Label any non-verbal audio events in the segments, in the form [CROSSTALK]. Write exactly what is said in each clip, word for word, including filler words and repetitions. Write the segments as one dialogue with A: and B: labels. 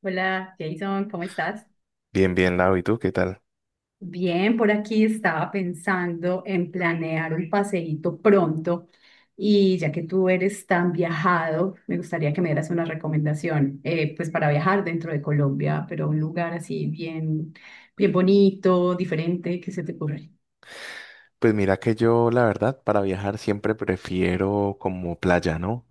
A: Hola Jason, ¿cómo estás?
B: Bien, bien, Lau, ¿y tú qué tal?
A: Bien, por aquí estaba pensando en planear un paseíto pronto y ya que tú eres tan viajado, me gustaría que me dieras una recomendación, eh, pues para viajar dentro de Colombia, pero un lugar así bien, bien bonito, diferente, ¿qué se te ocurre?
B: Pues mira que yo, la verdad, para viajar siempre prefiero como playa, ¿no?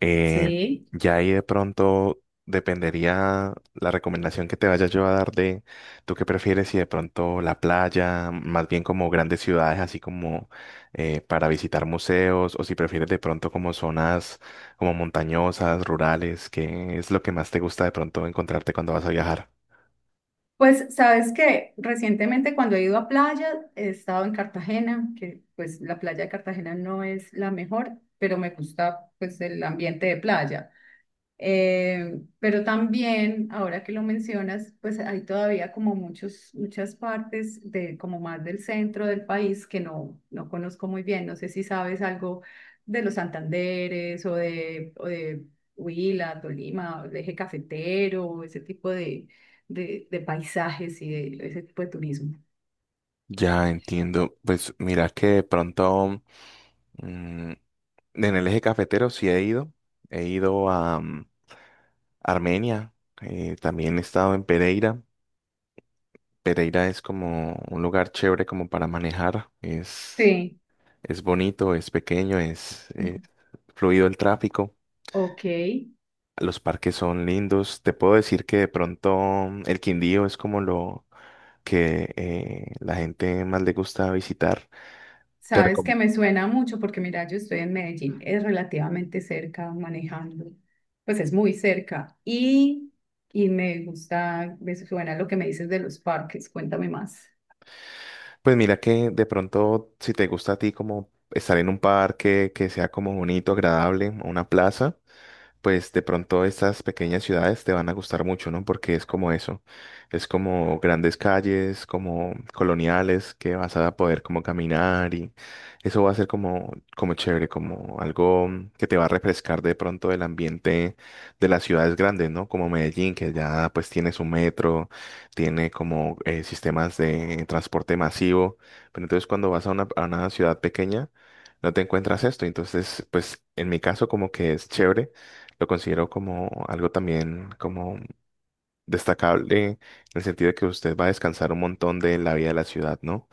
B: Eh,
A: Sí,
B: ya ahí de pronto dependería la recomendación que te vaya yo a dar de tú qué prefieres si de pronto la playa, más bien como grandes ciudades, así como eh, para visitar museos, o si prefieres de pronto como zonas como montañosas, rurales, ¿qué es lo que más te gusta de pronto encontrarte cuando vas a viajar?
A: pues sabes que recientemente cuando he ido a playa he estado en Cartagena, que pues la playa de Cartagena no es la mejor, pero me gusta pues el ambiente de playa. Eh, pero también, ahora que lo mencionas, pues hay todavía como muchos, muchas partes de como más del centro del país que no, no conozco muy bien. No sé si sabes algo de los Santanderes o de, o de, Huila, Tolima, o el eje cafetero, ese tipo de, de, de paisajes y de ese tipo de turismo.
B: Ya entiendo. Pues mira que de pronto. En el eje cafetero sí he ido. He ido a mm, Armenia. Eh, también he estado en Pereira. Pereira es como un lugar chévere como para manejar. Es,
A: Sí.
B: es bonito, es pequeño, es eh, fluido el tráfico.
A: Ok.
B: Los parques son lindos. Te puedo decir que de pronto mm, el Quindío es como lo que eh, la gente más le gusta visitar. Te
A: Sabes
B: recom-
A: que me suena mucho porque mira, yo estoy en Medellín, es relativamente cerca manejando, pues es muy cerca y, y me gusta, me suena lo que me dices de los parques, cuéntame más.
B: Pues mira que de pronto, si te gusta a ti como estar en un parque que sea como bonito, agradable, o una plaza pues de pronto estas pequeñas ciudades te van a gustar mucho, ¿no? Porque es como eso, es como grandes calles, como coloniales que vas a poder como caminar y eso va a ser como, como chévere, como algo mm, que te va a refrescar de pronto del ambiente de las ciudades grandes, ¿no? Como Medellín, que ya pues tiene su metro, tiene como eh, sistemas de transporte masivo, pero entonces cuando vas a una, a una ciudad pequeña, no te encuentras esto, entonces pues en mi caso como que es chévere lo considero como algo también como destacable en el sentido de que usted va a descansar un montón de la vida de la ciudad, ¿no?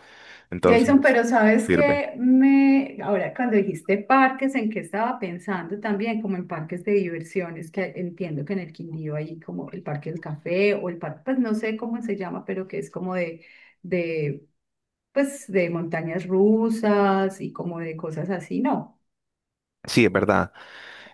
A: Jason,
B: Entonces,
A: pero sabes
B: sirve.
A: que me, ahora cuando dijiste parques, ¿en qué estaba pensando también? Como en parques de diversiones, que entiendo que en el Quindío hay como el Parque del Café o el parque, pues no sé cómo se llama, pero que es como de, de pues de montañas rusas y como de cosas así, no.
B: Sí, es verdad,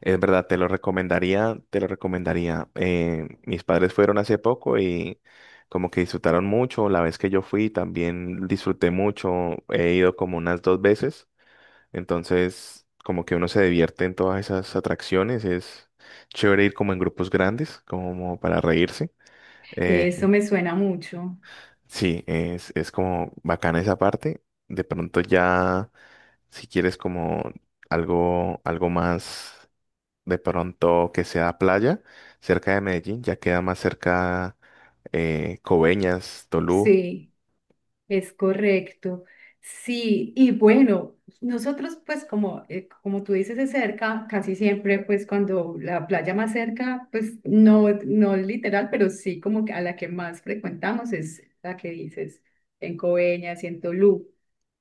B: es verdad, te lo recomendaría, te lo recomendaría. Eh, mis padres fueron hace poco y como que disfrutaron mucho. La vez que yo fui también disfruté mucho. He ido como unas dos veces. Entonces, como que uno se divierte en todas esas atracciones. Es chévere ir como en grupos grandes, como para reírse. eh,
A: Eso me suena mucho.
B: Sí, es, es como bacana esa parte. De pronto ya, si quieres como algo, algo más, de pronto que sea playa, cerca de Medellín, ya queda más cerca eh, Coveñas, Tolú.
A: Sí, es correcto. Sí, y bueno, nosotros pues como, eh, como tú dices de cerca, casi siempre pues cuando la playa más cerca, pues no, no literal, pero sí como que a la que más frecuentamos es la que dices en Coveñas y en Tolú.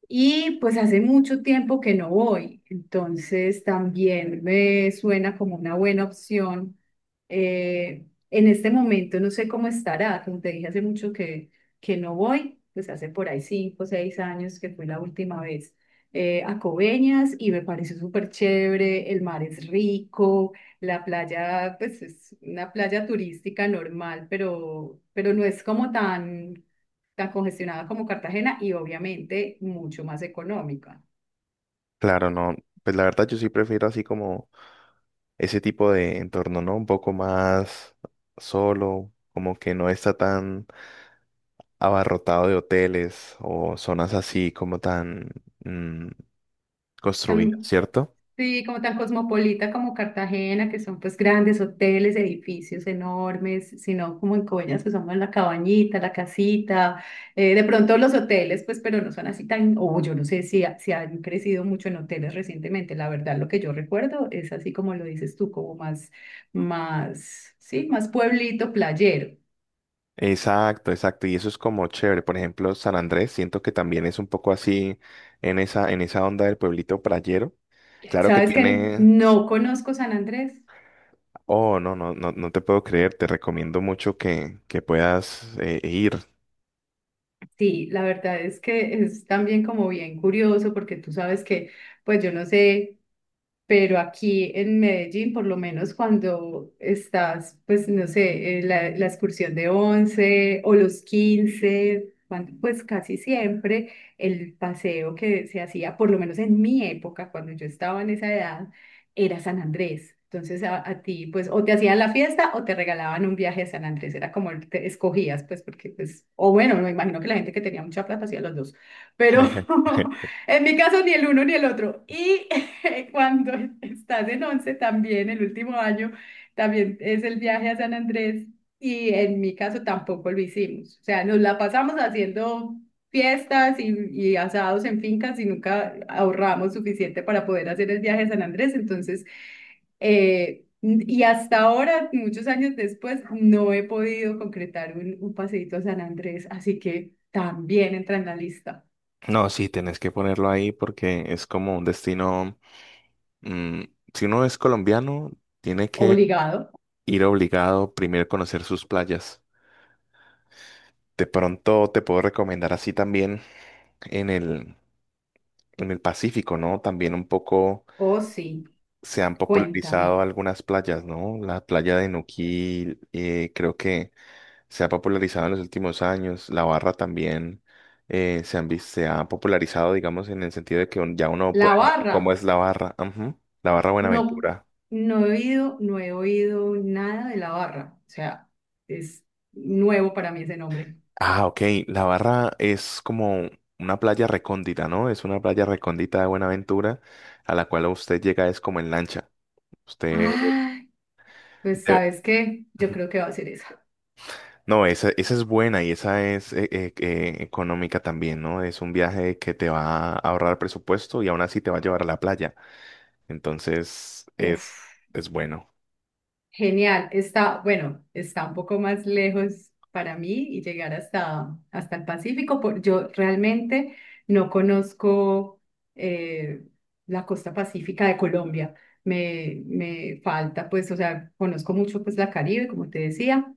A: Y pues hace mucho tiempo que no voy, entonces también me suena como una buena opción. Eh, en este momento no sé cómo estará, como te dije hace mucho que, que no voy, pues hace por ahí cinco o seis años que fue la última vez eh, a Coveñas y me pareció súper chévere, el mar es rico, la playa pues es una playa turística normal, pero, pero no es como tan tan congestionada como Cartagena y obviamente mucho más económica.
B: Claro, no, pues la verdad yo sí prefiero así como ese tipo de entorno, ¿no? Un poco más solo, como que no está tan abarrotado de hoteles o zonas así como tan mm, construidas,
A: Tan-
B: ¿cierto?
A: sí, como tan cosmopolita como Cartagena, que son pues grandes hoteles, edificios enormes, sino como en Coveñas que somos la cabañita, la casita, eh, de pronto los hoteles, pues pero no son así tan, o yo no sé si, ha- si han crecido mucho en hoteles recientemente, la verdad lo que yo recuerdo es así como lo dices tú, como más, más, sí, más pueblito, playero.
B: Exacto, exacto. Y eso es como chévere. Por ejemplo, San Andrés, siento que también es un poco así en esa, en esa onda del pueblito playero. Claro que
A: ¿Sabes que
B: tiene.
A: no conozco San Andrés?
B: Oh, no, no, no, no te puedo creer. Te recomiendo mucho que, que puedas eh, ir.
A: Sí, la verdad es que es también como bien curioso porque tú sabes que, pues yo no sé. Pero aquí en Medellín, por lo menos cuando estás, pues no sé, en la, la excursión de once o los quince cuando, pues casi siempre el paseo que se hacía, por lo menos en mi época, cuando yo estaba en esa edad, era San Andrés. Entonces a, a ti, pues o te hacían la fiesta o te regalaban un viaje a San Andrés, era como el- te escogías, pues porque, pues, o bueno, me imagino que la gente que tenía mucha plata hacía los dos, pero
B: [LAUGHS]
A: [LAUGHS] en mi caso ni el uno ni el otro. Y [LAUGHS] cuando estás en once también, el último año, también es el viaje a San Andrés y en mi caso tampoco lo hicimos. O sea, nos la pasamos haciendo fiestas y, y asados en fincas y nunca ahorramos suficiente para poder hacer el viaje a San Andrés. Entonces, eh, y hasta ahora, muchos años después, no he podido concretar un, un paseíto a San Andrés, así que también entra en la lista.
B: No, sí, tenés que ponerlo ahí porque es como un destino. mm, si uno es colombiano, tiene que
A: Obligado.
B: ir obligado primero a conocer sus playas. De pronto te puedo recomendar así también en el en el Pacífico, ¿no? También un poco
A: Oh, sí,
B: se han popularizado
A: cuéntame.
B: algunas playas, ¿no? La playa de Nuquil, eh, creo que se ha popularizado en los últimos años. La Barra también eh, se han, vis- se ha popularizado, digamos, en el sentido de que un- ya uno
A: La
B: puede ver
A: barra,
B: cómo es la Barra. Ujú. La Barra
A: no,
B: Buenaventura.
A: no he oído, no he oído nada de la barra. O sea, es nuevo para mí ese nombre.
B: Ah, ok. La Barra es como una playa recóndita, ¿no? Es una playa recóndita de Buenaventura a la cual usted llega es como en lancha. Usted...
A: Ay, pues
B: debe-
A: ¿sabes qué? Yo creo que va a ser esa.
B: No, esa, esa es buena y esa es eh, eh, eh, económica también, ¿no? Es un viaje que te va a ahorrar presupuesto y aún así te va a llevar a la playa. Entonces, es,
A: Uf,
B: es bueno.
A: genial. Está, bueno, está un poco más lejos para mí y llegar hasta, hasta el Pacífico. Por- yo realmente no conozco eh, la costa pacífica de Colombia. Me, me falta, pues, o sea, conozco mucho pues la Caribe, como te decía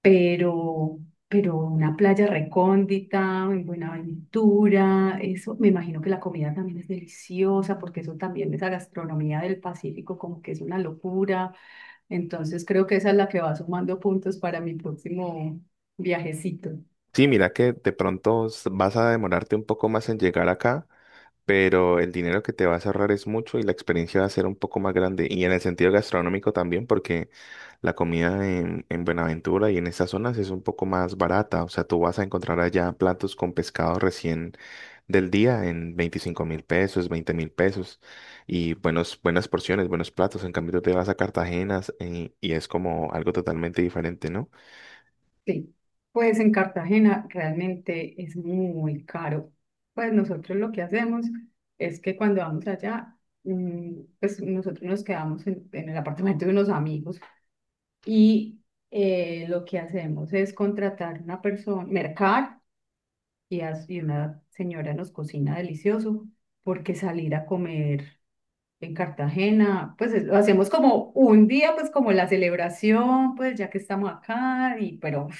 A: pero, pero una playa recóndita, en Buenaventura, eso, me imagino que la comida también es deliciosa, porque eso también, esa gastronomía del Pacífico, como que es una locura. Entonces creo que esa es la que va sumando puntos para mi próximo viajecito.
B: Sí, mira que de pronto s- vas a demorarte un poco más en llegar acá, pero el dinero que te vas a ahorrar es mucho y la experiencia va a ser un poco más grande. Y en el sentido gastronómico también, porque la comida en, en Buenaventura y en esas zonas es un poco más barata. O sea, tú vas a encontrar allá platos con pescado recién del día en veinticinco mil pesos, veinte mil pesos y buenos, buenas porciones, buenos platos. En cambio, tú te vas a Cartagena y, y es como algo totalmente diferente, ¿no?
A: Sí, pues en Cartagena realmente es muy caro. Pues nosotros lo que hacemos es que cuando vamos allá, mm, pues nosotros nos quedamos en, en el apartamento de unos amigos y eh, lo que hacemos es contratar una persona, mercar y, as- y una señora nos cocina delicioso porque salir a comer. En Cartagena, pues es- lo hacemos como un día, pues como la celebración, pues ya que estamos acá, y pero uf,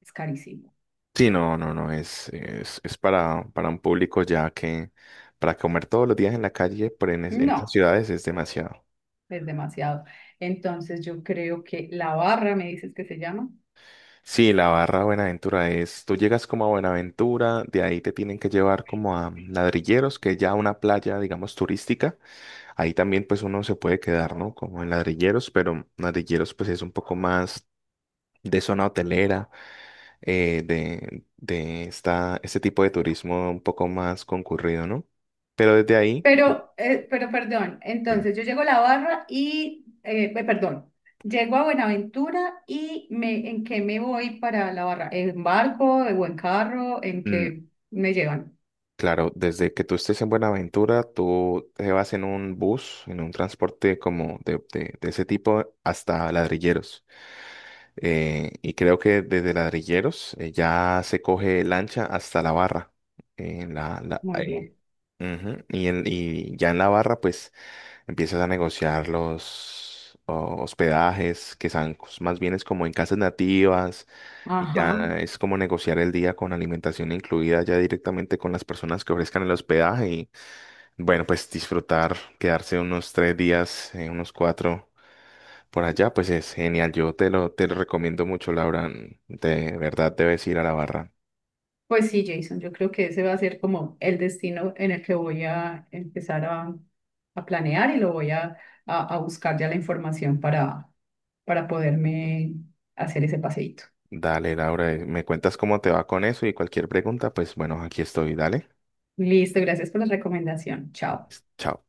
A: es carísimo.
B: Sí, no, no, no, es, es, es para, para un público ya que para comer todos los días en la calle, pero en, es- en esas
A: No,
B: ciudades es demasiado.
A: es demasiado. Entonces yo creo que la barra, me dices que se llama.
B: Sí, la Barra Buenaventura es, tú llegas como a Buenaventura, de ahí te tienen que llevar como a Ladrilleros, que es ya una playa, digamos, turística. Ahí también pues uno se puede quedar, ¿no? Como en Ladrilleros, pero Ladrilleros pues es un poco más de zona hotelera, eh, de, de esta, este tipo de turismo un poco más concurrido, ¿no? Pero desde ahí.
A: Pero, eh, pero perdón,
B: Dime.
A: entonces yo llego a la barra y, eh, pe- perdón, llego a Buenaventura y me, ¿en qué me voy para la barra? ¿En barco o en carro? ¿En
B: Mm,
A: qué me llevan?
B: Claro, desde que tú estés en Buenaventura, tú te vas en un bus, en un transporte como de, de- de ese tipo hasta Ladrilleros. Eh, y creo que desde Ladrilleros eh, ya se coge lancha hasta la Barra. Eh, la, la-
A: Muy
B: eh,
A: bien.
B: Ujú, y, en- y ya en la Barra, pues. Empiezas a negociar los oh, hospedajes, que son cos- más bien es como en casas nativas, y
A: Ajá.
B: ya es como negociar el día con alimentación incluida ya directamente con las personas que ofrezcan el hospedaje y bueno, pues disfrutar, quedarse unos tres días, eh, unos cuatro por allá, pues es genial. Yo te lo, te lo recomiendo mucho, Laura. De verdad debes ir a la Barra.
A: Pues sí, Jason, yo creo que ese va a ser como el destino en el que voy a empezar a, a planear y lo voy a, a, a buscar ya la información para, para poderme hacer ese paseíto.
B: Dale, Laura, eh, me cuentas cómo te va con eso y cualquier pregunta, pues bueno, aquí estoy, dale.
A: Listo, gracias por la recomendación. Chao.
B: Chao.